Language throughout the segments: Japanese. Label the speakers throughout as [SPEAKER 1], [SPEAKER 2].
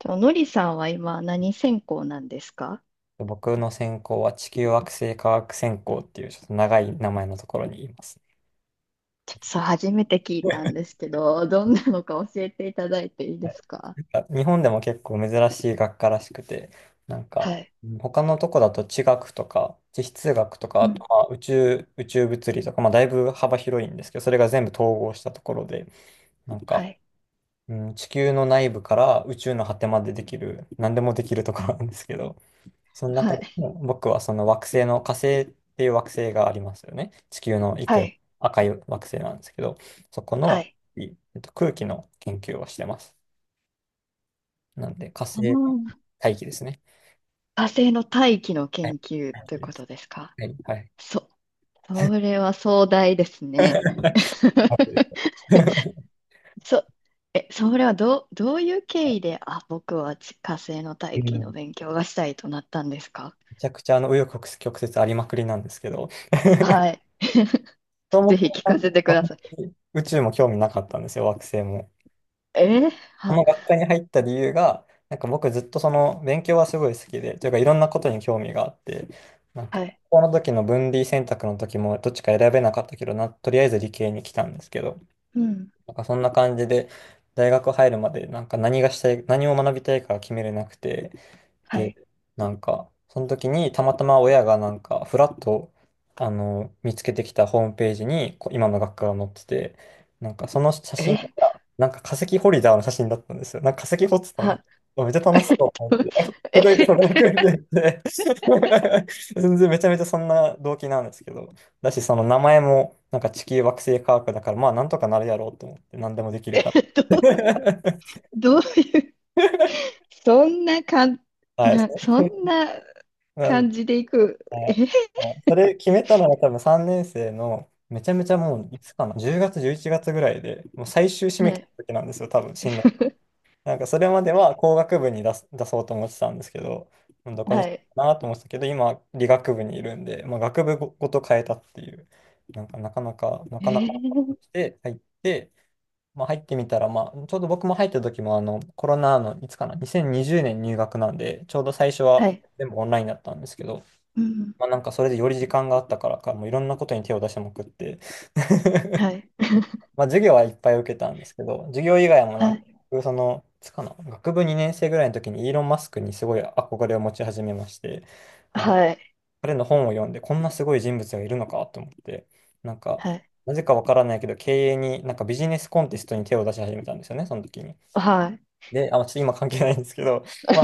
[SPEAKER 1] と、のりさんは今何専攻なんですか？
[SPEAKER 2] 僕の専攻は地球惑星科学専攻っていうちょっと長い名前のところにいますね。
[SPEAKER 1] ちょっとさ、初めて聞いたんですけど、どんなのか教えていただいていいですか？
[SPEAKER 2] 日本でも結構珍しい学科らしくて、
[SPEAKER 1] はい。
[SPEAKER 2] うん他のとこだと地学とか地質学とか、
[SPEAKER 1] う
[SPEAKER 2] あと
[SPEAKER 1] ん。
[SPEAKER 2] まあ宇宙物理とか、まあ、だいぶ幅広いんですけど、それが全部統合したところで、なん
[SPEAKER 1] は
[SPEAKER 2] か、
[SPEAKER 1] い。
[SPEAKER 2] うん、地球の内部から宇宙の果てまでできる、何でもできるところなんですけど、その
[SPEAKER 1] は
[SPEAKER 2] 中で
[SPEAKER 1] い。
[SPEAKER 2] も僕はその惑星の火星っていう惑星がありますよね。地球の一個
[SPEAKER 1] は
[SPEAKER 2] よ
[SPEAKER 1] い。
[SPEAKER 2] 赤い惑星なんですけど、そこ
[SPEAKER 1] は
[SPEAKER 2] の、
[SPEAKER 1] い。
[SPEAKER 2] いえっと、空気の研究をしてます。なんで火星
[SPEAKER 1] あ
[SPEAKER 2] の
[SPEAKER 1] の、
[SPEAKER 2] 大気ですね。
[SPEAKER 1] 火星の大気の
[SPEAKER 2] はい。
[SPEAKER 1] 研究
[SPEAKER 2] 大
[SPEAKER 1] という
[SPEAKER 2] 気で
[SPEAKER 1] こ
[SPEAKER 2] す。
[SPEAKER 1] とですか？
[SPEAKER 2] はい。はい。
[SPEAKER 1] そ、それは壮大です ね。
[SPEAKER 2] 大気で す
[SPEAKER 1] そ、それはどういう経緯で、あ、僕は火星の
[SPEAKER 2] う
[SPEAKER 1] 大気の
[SPEAKER 2] ん
[SPEAKER 1] 勉強がしたいとなったんですか？
[SPEAKER 2] めちゃくちゃ紆余曲折ありまくりなんですけど、
[SPEAKER 1] はい。
[SPEAKER 2] そも
[SPEAKER 1] ぜ
[SPEAKER 2] 思
[SPEAKER 1] ひ聞かせてくだ
[SPEAKER 2] も
[SPEAKER 1] さい。
[SPEAKER 2] て宇宙も興味なかったんですよ、惑星も。
[SPEAKER 1] えー。
[SPEAKER 2] こ
[SPEAKER 1] は、
[SPEAKER 2] の学科に入った理由が、僕ずっとその勉強はすごい好きで、というかいろんなことに興味があって、
[SPEAKER 1] は
[SPEAKER 2] 高
[SPEAKER 1] い。
[SPEAKER 2] 校の時の分類選択の時もどっちか選べなかったけどな、とりあえず理系に来たんですけど、
[SPEAKER 1] うん。
[SPEAKER 2] そんな感じで大学入るまで何がしたい、何を学びたいか決めれなくて、
[SPEAKER 1] は
[SPEAKER 2] で、
[SPEAKER 1] い。
[SPEAKER 2] その時にたまたま親がふらっと、見つけてきたホームページに、今の学科が載ってて、その写真
[SPEAKER 1] え、
[SPEAKER 2] が、化石ホルダーの写真だったんですよ。化石掘ってたのね。
[SPEAKER 1] は、
[SPEAKER 2] あめっちゃ楽しそうと思って。
[SPEAKER 1] え、
[SPEAKER 2] それくらいで 全然めちゃめちゃそんな動機なんですけど。だし、その名前も、地球惑星科学だから、まあなんとかなるやろうと思って、何でもできる
[SPEAKER 1] え、
[SPEAKER 2] から。
[SPEAKER 1] どう、どう、そんなかん、
[SPEAKER 2] はい。
[SPEAKER 1] な、そんな感じでいく。
[SPEAKER 2] は
[SPEAKER 1] え、
[SPEAKER 2] い。それ決めたのは多分3年生のめちゃめちゃもういつかな10月11月ぐらいでもう最終締め
[SPEAKER 1] は
[SPEAKER 2] 切り
[SPEAKER 1] い、
[SPEAKER 2] の時なんですよ、多分進路。それまでは工学部に出そうと思ってたんですけど、もうどこにし
[SPEAKER 1] は
[SPEAKER 2] よ
[SPEAKER 1] い、
[SPEAKER 2] うかなと思ってたけど今理学部にいるんで、まあ、学部ごと変えたっていう。なかなかな
[SPEAKER 1] え
[SPEAKER 2] かなか
[SPEAKER 1] ー、
[SPEAKER 2] して入って、まあ、入ってみたら、まあ、ちょうど僕も入った時もコロナのいつかな2020年入学なんでちょうど最初
[SPEAKER 1] は
[SPEAKER 2] は
[SPEAKER 1] い、
[SPEAKER 2] 全部オンラインだったんですけど、
[SPEAKER 1] うん。
[SPEAKER 2] まあそれでより時間があったからか、もういろんなことに手を出しまくって、
[SPEAKER 1] はい、
[SPEAKER 2] まあ授業はいっぱい受けたんですけど、授業以外も
[SPEAKER 1] はい、
[SPEAKER 2] 僕その、いつかな、学部2年生ぐらいの時にイーロン・マスクにすごい憧れを持ち始めまして、あの、
[SPEAKER 1] はい、
[SPEAKER 2] 彼の本を読んで、こんなすごい人物がいるのかと思って、なんか、
[SPEAKER 1] はい、
[SPEAKER 2] なぜかわからないけど、経営に、ビジネスコンテストに手を出し始めたんですよね、その時に。
[SPEAKER 1] はい。
[SPEAKER 2] で、あ、ちょっと今関係ないんですけど、ま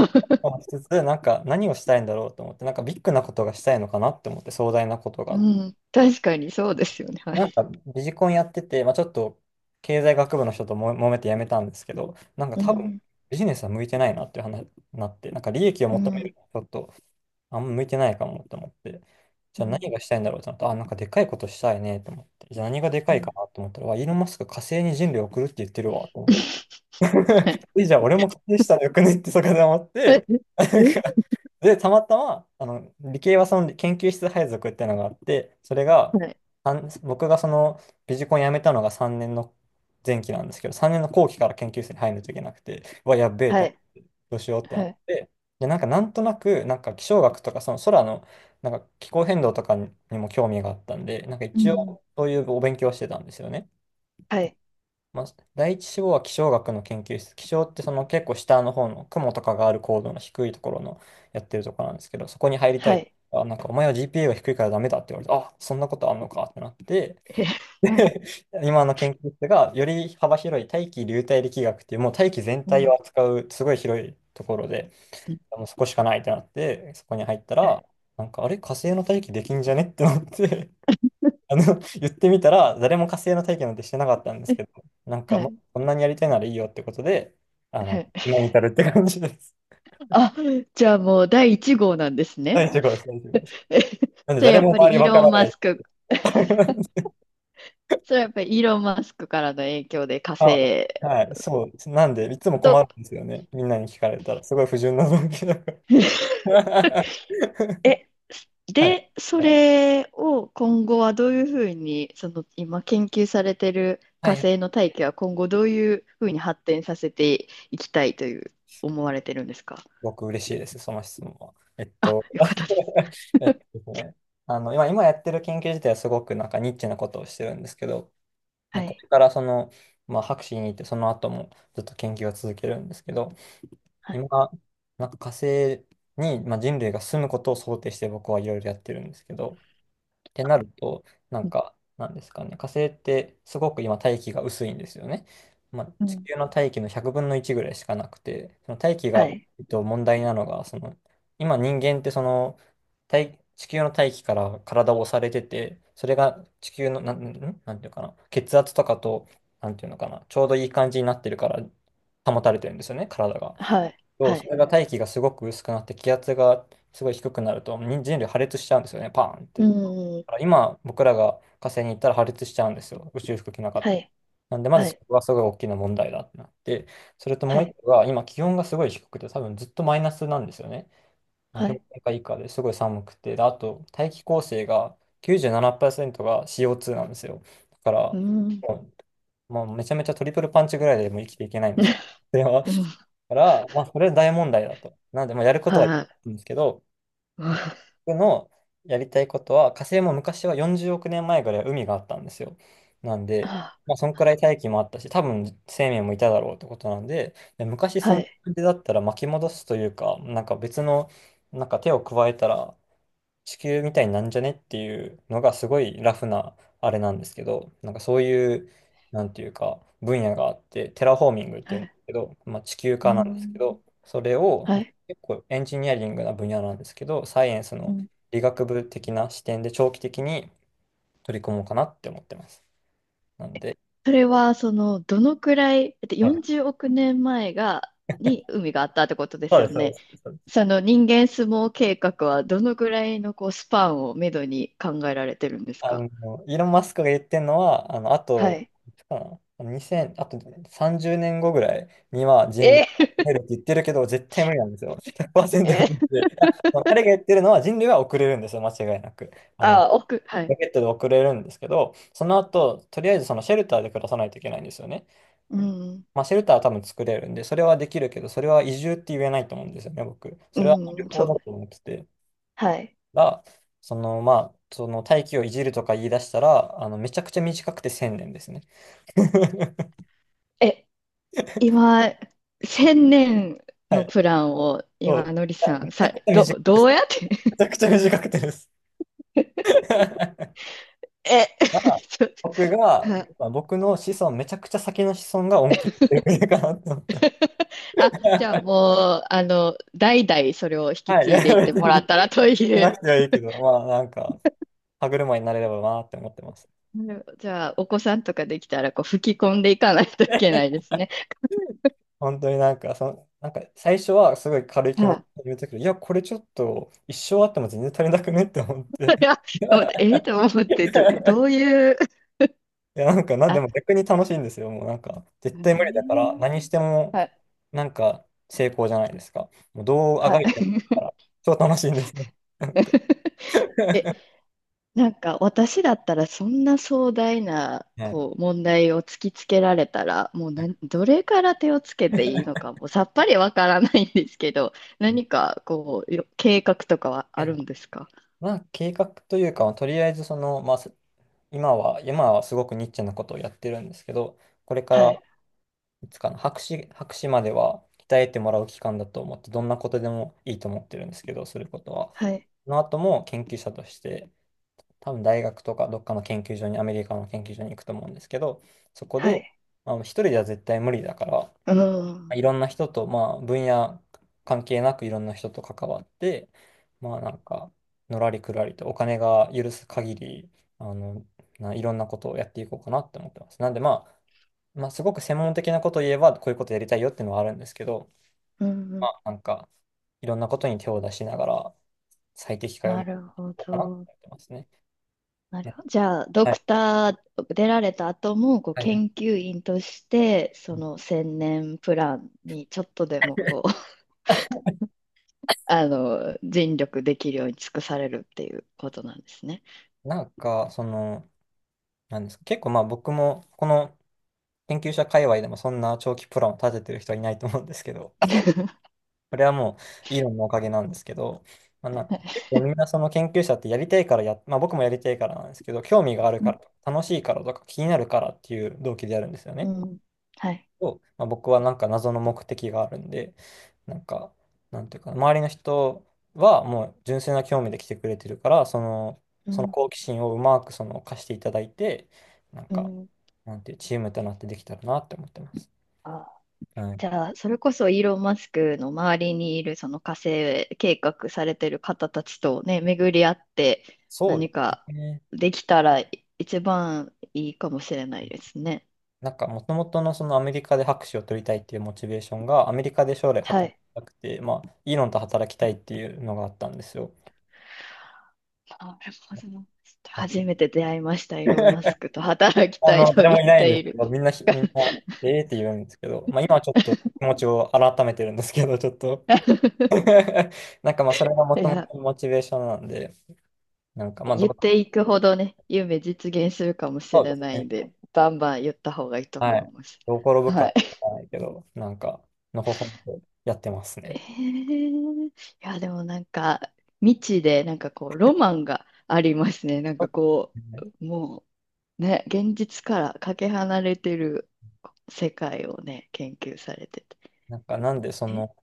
[SPEAKER 2] あ、し つつ、何をしたいんだろうと思って、ビッグなことがしたいのかなって思って、壮大なことがあ
[SPEAKER 1] う
[SPEAKER 2] っ
[SPEAKER 1] ん、
[SPEAKER 2] て。
[SPEAKER 1] 確かにそうですよね。はい。
[SPEAKER 2] なんかビジコンやってて、まあちょっと経済学部の人とも揉めてやめたんですけど、
[SPEAKER 1] う
[SPEAKER 2] 多分
[SPEAKER 1] ん。
[SPEAKER 2] ビジネスは向いてないなっていう話になって、利益を
[SPEAKER 1] う
[SPEAKER 2] 求める
[SPEAKER 1] ん、
[SPEAKER 2] のはちょっとあんま向いてないかもと思って、じ
[SPEAKER 1] う
[SPEAKER 2] ゃあ何
[SPEAKER 1] ん、
[SPEAKER 2] がしたいんだろうと思って、あ、でかいことしたいねと思って、じゃあ何がでか
[SPEAKER 1] う
[SPEAKER 2] いか
[SPEAKER 1] ん。
[SPEAKER 2] なと思ったら、わイーロン・マスク火星に人類を送るって言ってるわと思って
[SPEAKER 1] はい。
[SPEAKER 2] え、じゃあ俺も仮定したらよくねってそこで思っ
[SPEAKER 1] はい。
[SPEAKER 2] て、なん
[SPEAKER 1] え、
[SPEAKER 2] かで、たまたま、理系はその研究室配属ってのがあって、それが、
[SPEAKER 1] はい。
[SPEAKER 2] 僕がそのビジコン辞めたのが3年の前期なんですけど、3年の後期から研究室に入らないといけなくて、うわ、やっべえって
[SPEAKER 1] は
[SPEAKER 2] な、
[SPEAKER 1] い。
[SPEAKER 2] どうしようってな
[SPEAKER 1] は
[SPEAKER 2] っ
[SPEAKER 1] い。
[SPEAKER 2] て、で、なんとなく、気象学とか、その空の、気候変動とかにも興味があったんで、
[SPEAKER 1] う
[SPEAKER 2] 一
[SPEAKER 1] ん。
[SPEAKER 2] 応、そういうお勉強をしてたんですよね。
[SPEAKER 1] はい。
[SPEAKER 2] まあ、第一志望は気象学の研究室。気象ってその結構下の方の雲とかがある高度の低いところのやってるところなんですけど、そこに入りた
[SPEAKER 1] は
[SPEAKER 2] い。
[SPEAKER 1] い。
[SPEAKER 2] あ、お前は GPA が低いからダメだって言われて、あ、そんなことあんのかってなって、
[SPEAKER 1] え、はい。
[SPEAKER 2] 今の研究室がより幅広い大気流体力学っていうもう大気全
[SPEAKER 1] う
[SPEAKER 2] 体を
[SPEAKER 1] ん。
[SPEAKER 2] 扱うすごい広いところで、もうそこしかないってなって、そこに入った
[SPEAKER 1] はい。
[SPEAKER 2] ら、あれ火星の大気できんじゃねってなって、言ってみたら、誰も火星の体験なんてしてなかったんですけど、
[SPEAKER 1] は
[SPEAKER 2] もう、
[SPEAKER 1] い。
[SPEAKER 2] こんなにやりたいならいいよってことで、
[SPEAKER 1] はい。
[SPEAKER 2] 今に至るって感じです。
[SPEAKER 1] あ、じゃあもう第1号なんです
[SPEAKER 2] 大
[SPEAKER 1] ね。
[SPEAKER 2] 丈夫です、大丈夫です。なんで、
[SPEAKER 1] それ
[SPEAKER 2] 誰
[SPEAKER 1] やっ
[SPEAKER 2] も
[SPEAKER 1] ぱ
[SPEAKER 2] 周
[SPEAKER 1] り
[SPEAKER 2] り
[SPEAKER 1] イー
[SPEAKER 2] わか
[SPEAKER 1] ロ
[SPEAKER 2] ら
[SPEAKER 1] ン・
[SPEAKER 2] な
[SPEAKER 1] マ
[SPEAKER 2] い。
[SPEAKER 1] スク、それやっぱりイーロン・マスクからの影響で火
[SPEAKER 2] あ、
[SPEAKER 1] 星
[SPEAKER 2] はい、そう。なんで、いつも
[SPEAKER 1] と、
[SPEAKER 2] 困るんですよね。みんなに聞かれたら、すごい不純な動機だから。
[SPEAKER 1] え、
[SPEAKER 2] はい。
[SPEAKER 1] で、それを今後はどういうふうに、その今研究されてる
[SPEAKER 2] は
[SPEAKER 1] 火
[SPEAKER 2] い。
[SPEAKER 1] 星の大気は今後どういうふうに発展させていきたいという思われてるんですか？
[SPEAKER 2] 僕嬉しいです、その質問は。
[SPEAKER 1] あ、よかったです。
[SPEAKER 2] えっとですね、今やってる研究自体はすごくニッチなことをしてるんですけど、
[SPEAKER 1] は
[SPEAKER 2] ね、こ
[SPEAKER 1] い。
[SPEAKER 2] れからその、まあ、博士に行ってその後もずっと研究を続けるんですけど、
[SPEAKER 1] はい。
[SPEAKER 2] 今、火星に、まあ、人類が住むことを想定して僕はいろいろやってるんですけど、ってなると、なんですかね、火星ってすごく今大気が薄いんですよね。まあ、
[SPEAKER 1] う
[SPEAKER 2] 地
[SPEAKER 1] ん。
[SPEAKER 2] 球の大気の100分の1ぐらいしかなくて、その大気
[SPEAKER 1] は
[SPEAKER 2] が、
[SPEAKER 1] い。
[SPEAKER 2] 問題なのが、その、今人間ってその、地球の大気から体を押されてて、それが地球の、なんていうかな、血圧とかと、なんていうのかな、ちょうどいい感じになってるから、保たれてるんですよね、体が。
[SPEAKER 1] はい。
[SPEAKER 2] そ
[SPEAKER 1] は
[SPEAKER 2] う、そ
[SPEAKER 1] い。
[SPEAKER 2] れが大気がすごく薄くなって、気圧がすごい低くなると、人類破裂しちゃうんですよね、パーンっ
[SPEAKER 1] う
[SPEAKER 2] て。
[SPEAKER 1] ん。
[SPEAKER 2] 今、僕らが火星に行ったら破裂しちゃうんですよ。宇宙服着なかった
[SPEAKER 1] は
[SPEAKER 2] ら。
[SPEAKER 1] い。
[SPEAKER 2] なんで、ま
[SPEAKER 1] は
[SPEAKER 2] ずそ
[SPEAKER 1] い。
[SPEAKER 2] こがすごい大きな問題だってなって、それとも
[SPEAKER 1] は
[SPEAKER 2] う一
[SPEAKER 1] い。
[SPEAKER 2] 個が、今気温がすごい低くて、多分ずっとマイナスなんですよね。
[SPEAKER 1] は
[SPEAKER 2] 氷
[SPEAKER 1] い。
[SPEAKER 2] 点下以下ですごい寒くて、で、あと大気構成が97%が CO2 なんですよ。だか
[SPEAKER 1] うー
[SPEAKER 2] ら、
[SPEAKER 1] ん。
[SPEAKER 2] ももうめちゃめちゃトリプルパンチぐらいでもう生きていけないんですよ。だ
[SPEAKER 1] うん。
[SPEAKER 2] から、まあ、それは大問題だと。なんで、まあ、やることはや
[SPEAKER 1] はい。
[SPEAKER 2] るんですけど、
[SPEAKER 1] うん。
[SPEAKER 2] 僕のやりたいことは、火星も昔は40億年前ぐらいは海があったんですよ。なんで、
[SPEAKER 1] あ、
[SPEAKER 2] まあ、そんくらい大気もあったし、多分生命もいただろうってことなんで、で昔そ
[SPEAKER 1] は
[SPEAKER 2] んな
[SPEAKER 1] い。
[SPEAKER 2] 感じだったら巻き戻すというか、なんか別の、なんか手を加えたら、地球みたいになんじゃねっていうのがすごいラフなあれなんですけど、なんかそういう、なんていうか、分野があって、テラフォーミングってい
[SPEAKER 1] は
[SPEAKER 2] うんで
[SPEAKER 1] い。
[SPEAKER 2] すけど、まあ、地球
[SPEAKER 1] うー
[SPEAKER 2] 化なんですけ
[SPEAKER 1] ん。
[SPEAKER 2] ど、それを、
[SPEAKER 1] は
[SPEAKER 2] まあ、
[SPEAKER 1] い。
[SPEAKER 2] 結構エンジニアリングな分野なんですけど、サイエンス
[SPEAKER 1] う
[SPEAKER 2] の
[SPEAKER 1] ん。
[SPEAKER 2] 理学部的な視点で長期的に取り組もうかなって思ってます。なんで、
[SPEAKER 1] それは、その、どのくらい、だって
[SPEAKER 2] はい
[SPEAKER 1] 40億年前が、に海があったってことで
[SPEAKER 2] そ
[SPEAKER 1] す
[SPEAKER 2] うで
[SPEAKER 1] よ
[SPEAKER 2] す、そうで
[SPEAKER 1] ね。
[SPEAKER 2] す。
[SPEAKER 1] その人間相撲計画はどのくらいのこうスパンをめどに考えられてるんです
[SPEAKER 2] あ
[SPEAKER 1] か？
[SPEAKER 2] の、イーロン・マスクが言ってるのは、あの、あ
[SPEAKER 1] は
[SPEAKER 2] と、
[SPEAKER 1] い。
[SPEAKER 2] いつかな、あの2000、あと30年後ぐらいには人類
[SPEAKER 1] え
[SPEAKER 2] が
[SPEAKER 1] ー。
[SPEAKER 2] 増えるって言ってるけど、絶対無理なんですよ。100%
[SPEAKER 1] え
[SPEAKER 2] 無理
[SPEAKER 1] ー。
[SPEAKER 2] で。いやその彼が言ってるのは人類は遅れるんですよ、間違いなく。あの、
[SPEAKER 1] あ、奥、は
[SPEAKER 2] ロ
[SPEAKER 1] い。
[SPEAKER 2] ケットで遅れるんですけど、その後、とりあえずそのシェルターで暮らさないといけないんですよね。
[SPEAKER 1] うん。
[SPEAKER 2] まあ、シェルターは多分作れるんで、それはできるけど、それは移住って言えないと思うんですよね、僕。それは旅
[SPEAKER 1] うん、
[SPEAKER 2] 行
[SPEAKER 1] そ
[SPEAKER 2] だ
[SPEAKER 1] う。
[SPEAKER 2] と思ってて。
[SPEAKER 1] はい。
[SPEAKER 2] らその、まあ、その大気をいじるとか言い出したら、あの、めちゃくちゃ短くて1000年ですね。
[SPEAKER 1] え、今、千年
[SPEAKER 2] は
[SPEAKER 1] の
[SPEAKER 2] い。
[SPEAKER 1] プランを
[SPEAKER 2] そ
[SPEAKER 1] 今、
[SPEAKER 2] う。
[SPEAKER 1] のり
[SPEAKER 2] いや
[SPEAKER 1] さ
[SPEAKER 2] め
[SPEAKER 1] ん、
[SPEAKER 2] ちゃくちゃ短くてで
[SPEAKER 1] ど
[SPEAKER 2] す。
[SPEAKER 1] うやって。
[SPEAKER 2] めちゃくちゃ短くてです。
[SPEAKER 1] え、
[SPEAKER 2] まあ、
[SPEAKER 1] ちょっと、
[SPEAKER 2] 僕が、
[SPEAKER 1] あ。
[SPEAKER 2] まあ僕の子孫、めちゃくちゃ先の子孫が恩恵を受けてくれるかなと思って。
[SPEAKER 1] あ、じゃあ もう、あの、代々それを引き
[SPEAKER 2] はい。い
[SPEAKER 1] 継いで
[SPEAKER 2] や、
[SPEAKER 1] いっ
[SPEAKER 2] 別
[SPEAKER 1] てもら
[SPEAKER 2] に、
[SPEAKER 1] っ
[SPEAKER 2] し
[SPEAKER 1] たらとい
[SPEAKER 2] なく
[SPEAKER 1] う。
[SPEAKER 2] てはいいけど、まあ、なんか、歯車になれればなって思ってます。
[SPEAKER 1] なるほど。じゃあ、お子さんとかできたら、こう、吹き込んでいかないといけないですね。
[SPEAKER 2] 本当になんか、その、なんか最初はすごい軽い気
[SPEAKER 1] は
[SPEAKER 2] 持ち
[SPEAKER 1] い。
[SPEAKER 2] で言うときいや、これちょっと一生あっても全然足りなくねって思って。
[SPEAKER 1] いや、と思って、え ー、と思って、
[SPEAKER 2] い
[SPEAKER 1] どういう、
[SPEAKER 2] や、なんかな、で
[SPEAKER 1] あ、
[SPEAKER 2] も逆に楽しいんですよ。もうなんか、絶
[SPEAKER 1] え
[SPEAKER 2] 対無理だか
[SPEAKER 1] ー、
[SPEAKER 2] ら、何しても、
[SPEAKER 1] はい、
[SPEAKER 2] なんか、成功じゃないですか。もうどうあがいても、
[SPEAKER 1] は
[SPEAKER 2] 超楽しいんですね。なん
[SPEAKER 1] い。
[SPEAKER 2] か
[SPEAKER 1] なんか私だったらそんな壮大な
[SPEAKER 2] ね
[SPEAKER 1] こう問題を突きつけられたらもう何どれから手をつけていいのかもうさっぱりわからないんですけど、 何かこうよ計画とかはあ
[SPEAKER 2] え、
[SPEAKER 1] るんですか？
[SPEAKER 2] まあ、計画というか、とりあえず、その、まあ、す今は、今はすごくニッチなことをやってるんですけど、これか
[SPEAKER 1] は
[SPEAKER 2] ら、
[SPEAKER 1] い、
[SPEAKER 2] いつかな、博士までは鍛えてもらう期間だと思って、どんなことでもいいと思ってるんですけど、することは。
[SPEAKER 1] はい、
[SPEAKER 2] その後も研究者として、多分大学とかどっかの研究所に、アメリカの研究所に行くと思うんですけど、そこ
[SPEAKER 1] は
[SPEAKER 2] で、
[SPEAKER 1] い。
[SPEAKER 2] まあの、一人では絶対無理だから、
[SPEAKER 1] うん。うん。
[SPEAKER 2] いろんな人と、まあ、分野関係なくいろんな人と関わって、まあ、なんか、のらりくらりとお金が許す限り、あの、いろんなことをやっていこうかなって思ってます。なんで、まあ、まあ、すごく専門的なことを言えば、こういうことやりたいよっていうのはあるんですけど、
[SPEAKER 1] う
[SPEAKER 2] ま
[SPEAKER 1] ん。
[SPEAKER 2] あ、なんか、いろんなことに手を出しながら、最適解を
[SPEAKER 1] な
[SPEAKER 2] 見てい
[SPEAKER 1] るほ
[SPEAKER 2] こうかなって
[SPEAKER 1] ど。
[SPEAKER 2] 思ってますね。
[SPEAKER 1] なるほど。じゃあ、ド
[SPEAKER 2] はい。
[SPEAKER 1] クター出られた後も、こう、
[SPEAKER 2] はいは
[SPEAKER 1] 研
[SPEAKER 2] い。
[SPEAKER 1] 究員として、その千年プランにちょっとでもこうあの、尽力できるように尽くされるっていうことなんですね。
[SPEAKER 2] なんか、その、なんですか、結構まあ僕も、この研究者界隈でもそんな長期プランを立ててる人はいないと思うんですけど、これはもうイーロンのおかげなんですけど、まあ、なんか結構みんなその研究者ってやりたいからや、まあ僕もやりたいからなんですけど、興味がある
[SPEAKER 1] う
[SPEAKER 2] か
[SPEAKER 1] ん、
[SPEAKER 2] ら、楽しいからとか気になるからっていう動機でやるんですよね。
[SPEAKER 1] はい。
[SPEAKER 2] とまあ、僕はなんか謎の目的があるんで、なんか、なんていうか、周りの人はもう純粋な興味で来てくれてるから、その、
[SPEAKER 1] う
[SPEAKER 2] その
[SPEAKER 1] ん、
[SPEAKER 2] 好奇心をうまくその貸していただいて、なん
[SPEAKER 1] う
[SPEAKER 2] か、
[SPEAKER 1] ん。
[SPEAKER 2] なんていうチームとなってできたらなって思ってます。
[SPEAKER 1] あ、
[SPEAKER 2] はい。
[SPEAKER 1] じゃあ、それこそイーロン・マスクの周りにいるその火星計画されてる方たちとね、巡り合って
[SPEAKER 2] そう
[SPEAKER 1] 何
[SPEAKER 2] で
[SPEAKER 1] か
[SPEAKER 2] すね。
[SPEAKER 1] できたら一番いいかもしれないですね。
[SPEAKER 2] なんか、もともとのそのアメリカで博士を取りたいっていうモチベーションが、アメリカで将来
[SPEAKER 1] は
[SPEAKER 2] 働
[SPEAKER 1] い。
[SPEAKER 2] きたくて、まあ、イーロンと働きたいっていうのがあったんですよ。
[SPEAKER 1] なるほど。初めて出会いました、イーロン・マス クと働き
[SPEAKER 2] あ
[SPEAKER 1] たい
[SPEAKER 2] の、
[SPEAKER 1] と
[SPEAKER 2] 誰
[SPEAKER 1] 言
[SPEAKER 2] も
[SPEAKER 1] っ
[SPEAKER 2] いないんで
[SPEAKER 1] てい
[SPEAKER 2] すけ
[SPEAKER 1] る。
[SPEAKER 2] ど、みんな、ええって言うんですけど、まあ今はちょっと気持ちを改めてるんですけど、ちょっと なんかまあそれがも
[SPEAKER 1] い
[SPEAKER 2] とも
[SPEAKER 1] や。
[SPEAKER 2] とモチベーションなんで、なんかまあど
[SPEAKER 1] 言
[SPEAKER 2] う、
[SPEAKER 1] っていくほどね、夢実現するかもし
[SPEAKER 2] そうで
[SPEAKER 1] れ
[SPEAKER 2] す
[SPEAKER 1] ないん
[SPEAKER 2] ね。
[SPEAKER 1] で、バンバン言った方がいいと
[SPEAKER 2] は
[SPEAKER 1] 思い
[SPEAKER 2] い。
[SPEAKER 1] ます。
[SPEAKER 2] どう転ぶか
[SPEAKER 1] はい。
[SPEAKER 2] わからないけど、なんか、のほほんとやってます
[SPEAKER 1] え
[SPEAKER 2] ね。
[SPEAKER 1] ー、いや、でもなんか、未知で、なんかこう、ロマンがありますね。なん
[SPEAKER 2] そう
[SPEAKER 1] かこ
[SPEAKER 2] ですね。
[SPEAKER 1] う、もう、ね、現実からかけ離れてる世界をね、研究されてて。
[SPEAKER 2] なんかなんでそ
[SPEAKER 1] え、
[SPEAKER 2] の、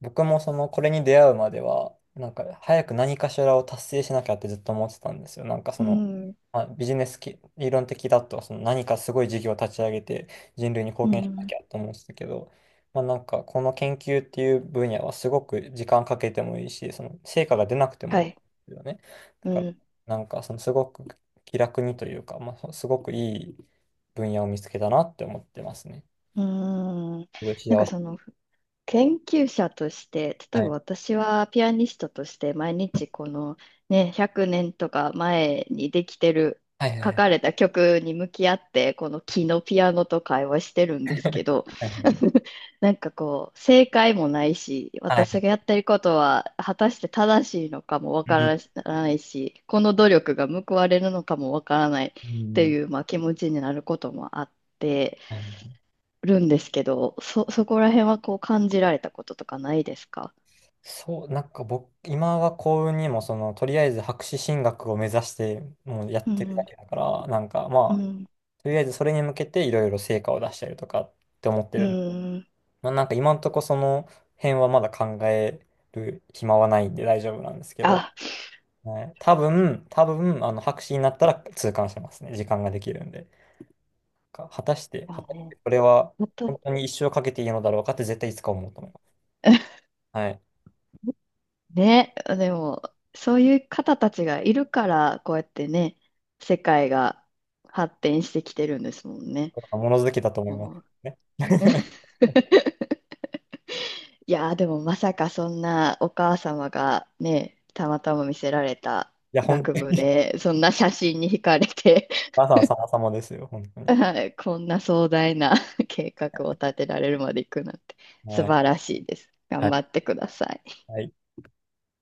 [SPEAKER 2] 僕もそのこれに出会うまでは、なんか早く何かしらを達成しなきゃってずっと思ってたんですよ。なんかそ
[SPEAKER 1] う
[SPEAKER 2] の、
[SPEAKER 1] ん、
[SPEAKER 2] まあ、ビジネスき理論的だとその何かすごい事業を立ち上げて人類に
[SPEAKER 1] う
[SPEAKER 2] 貢献しなき
[SPEAKER 1] ん、
[SPEAKER 2] ゃと思ってたけど、まあ、なんかこの研究っていう分野はすごく時間かけてもいいし、その成果が出なくてもい
[SPEAKER 1] は
[SPEAKER 2] いで
[SPEAKER 1] い、
[SPEAKER 2] すよね。だ
[SPEAKER 1] う
[SPEAKER 2] から
[SPEAKER 1] ん、
[SPEAKER 2] なんかそのすごく気楽にというか、まあ、すごくいい分野を見つけたなって思ってますね。
[SPEAKER 1] うん。
[SPEAKER 2] すごい
[SPEAKER 1] なん
[SPEAKER 2] 幸
[SPEAKER 1] か
[SPEAKER 2] せ。
[SPEAKER 1] その、研究者として、例え
[SPEAKER 2] は
[SPEAKER 1] ば
[SPEAKER 2] い。
[SPEAKER 1] 私はピアニストとして毎日このね、100年とか前にできてる、
[SPEAKER 2] はいはい
[SPEAKER 1] 書
[SPEAKER 2] はい。
[SPEAKER 1] かれた曲に向き合って、この木のピアノと会話してるんですけど、
[SPEAKER 2] はいはい。
[SPEAKER 1] なんかこう、正解もないし、
[SPEAKER 2] はい
[SPEAKER 1] 私
[SPEAKER 2] は
[SPEAKER 1] がやってることは果たして正しいのかもわか
[SPEAKER 2] い。
[SPEAKER 1] らないし、この努力が報われるのかもわからないっ
[SPEAKER 2] う
[SPEAKER 1] て
[SPEAKER 2] ん。
[SPEAKER 1] いう、まあ、気持ちになることもあって、
[SPEAKER 2] はい、
[SPEAKER 1] るんですけど、そこら辺はこう感じられたこととかないですか？
[SPEAKER 2] そう、なんか僕、今は幸運にも、その、とりあえず博士進学を目指して、もうやっ
[SPEAKER 1] う
[SPEAKER 2] てるだ
[SPEAKER 1] ん、
[SPEAKER 2] けだから、なんか
[SPEAKER 1] う
[SPEAKER 2] まあ、
[SPEAKER 1] ん、
[SPEAKER 2] とりあえずそれに向けていろいろ成果を出したりとかって思って
[SPEAKER 1] う
[SPEAKER 2] る。
[SPEAKER 1] ん。
[SPEAKER 2] まあ、なんか今んとこその辺はまだ考える暇はないんで大丈夫なんですけど、
[SPEAKER 1] あ、
[SPEAKER 2] はい、多分、あの、博士になったら痛感してますね。時間ができるんで。か果たして、果
[SPEAKER 1] だ
[SPEAKER 2] たして
[SPEAKER 1] ね。
[SPEAKER 2] これは
[SPEAKER 1] 私
[SPEAKER 2] 本当に一生かけていいのだろうかって絶対いつか思うと思います。はい。
[SPEAKER 1] ね、でも、そういう方たちがいるから、こうやってね、世界が発展してきてるんですもんね。
[SPEAKER 2] 物好きだと思います
[SPEAKER 1] もう。
[SPEAKER 2] ね。
[SPEAKER 1] いやー、でもまさかそんなお母様がね、たまたま見せられた
[SPEAKER 2] いや、本
[SPEAKER 1] 学
[SPEAKER 2] 当
[SPEAKER 1] 部
[SPEAKER 2] に、
[SPEAKER 1] で、そんな写真に惹かれて、
[SPEAKER 2] まさに様々ですよ、本当に。
[SPEAKER 1] はい、こんな壮大な 計画を立てられるまで行くなんて素
[SPEAKER 2] はい。
[SPEAKER 1] 晴らしいです。
[SPEAKER 2] は
[SPEAKER 1] 頑
[SPEAKER 2] い。
[SPEAKER 1] 張ってください。
[SPEAKER 2] はい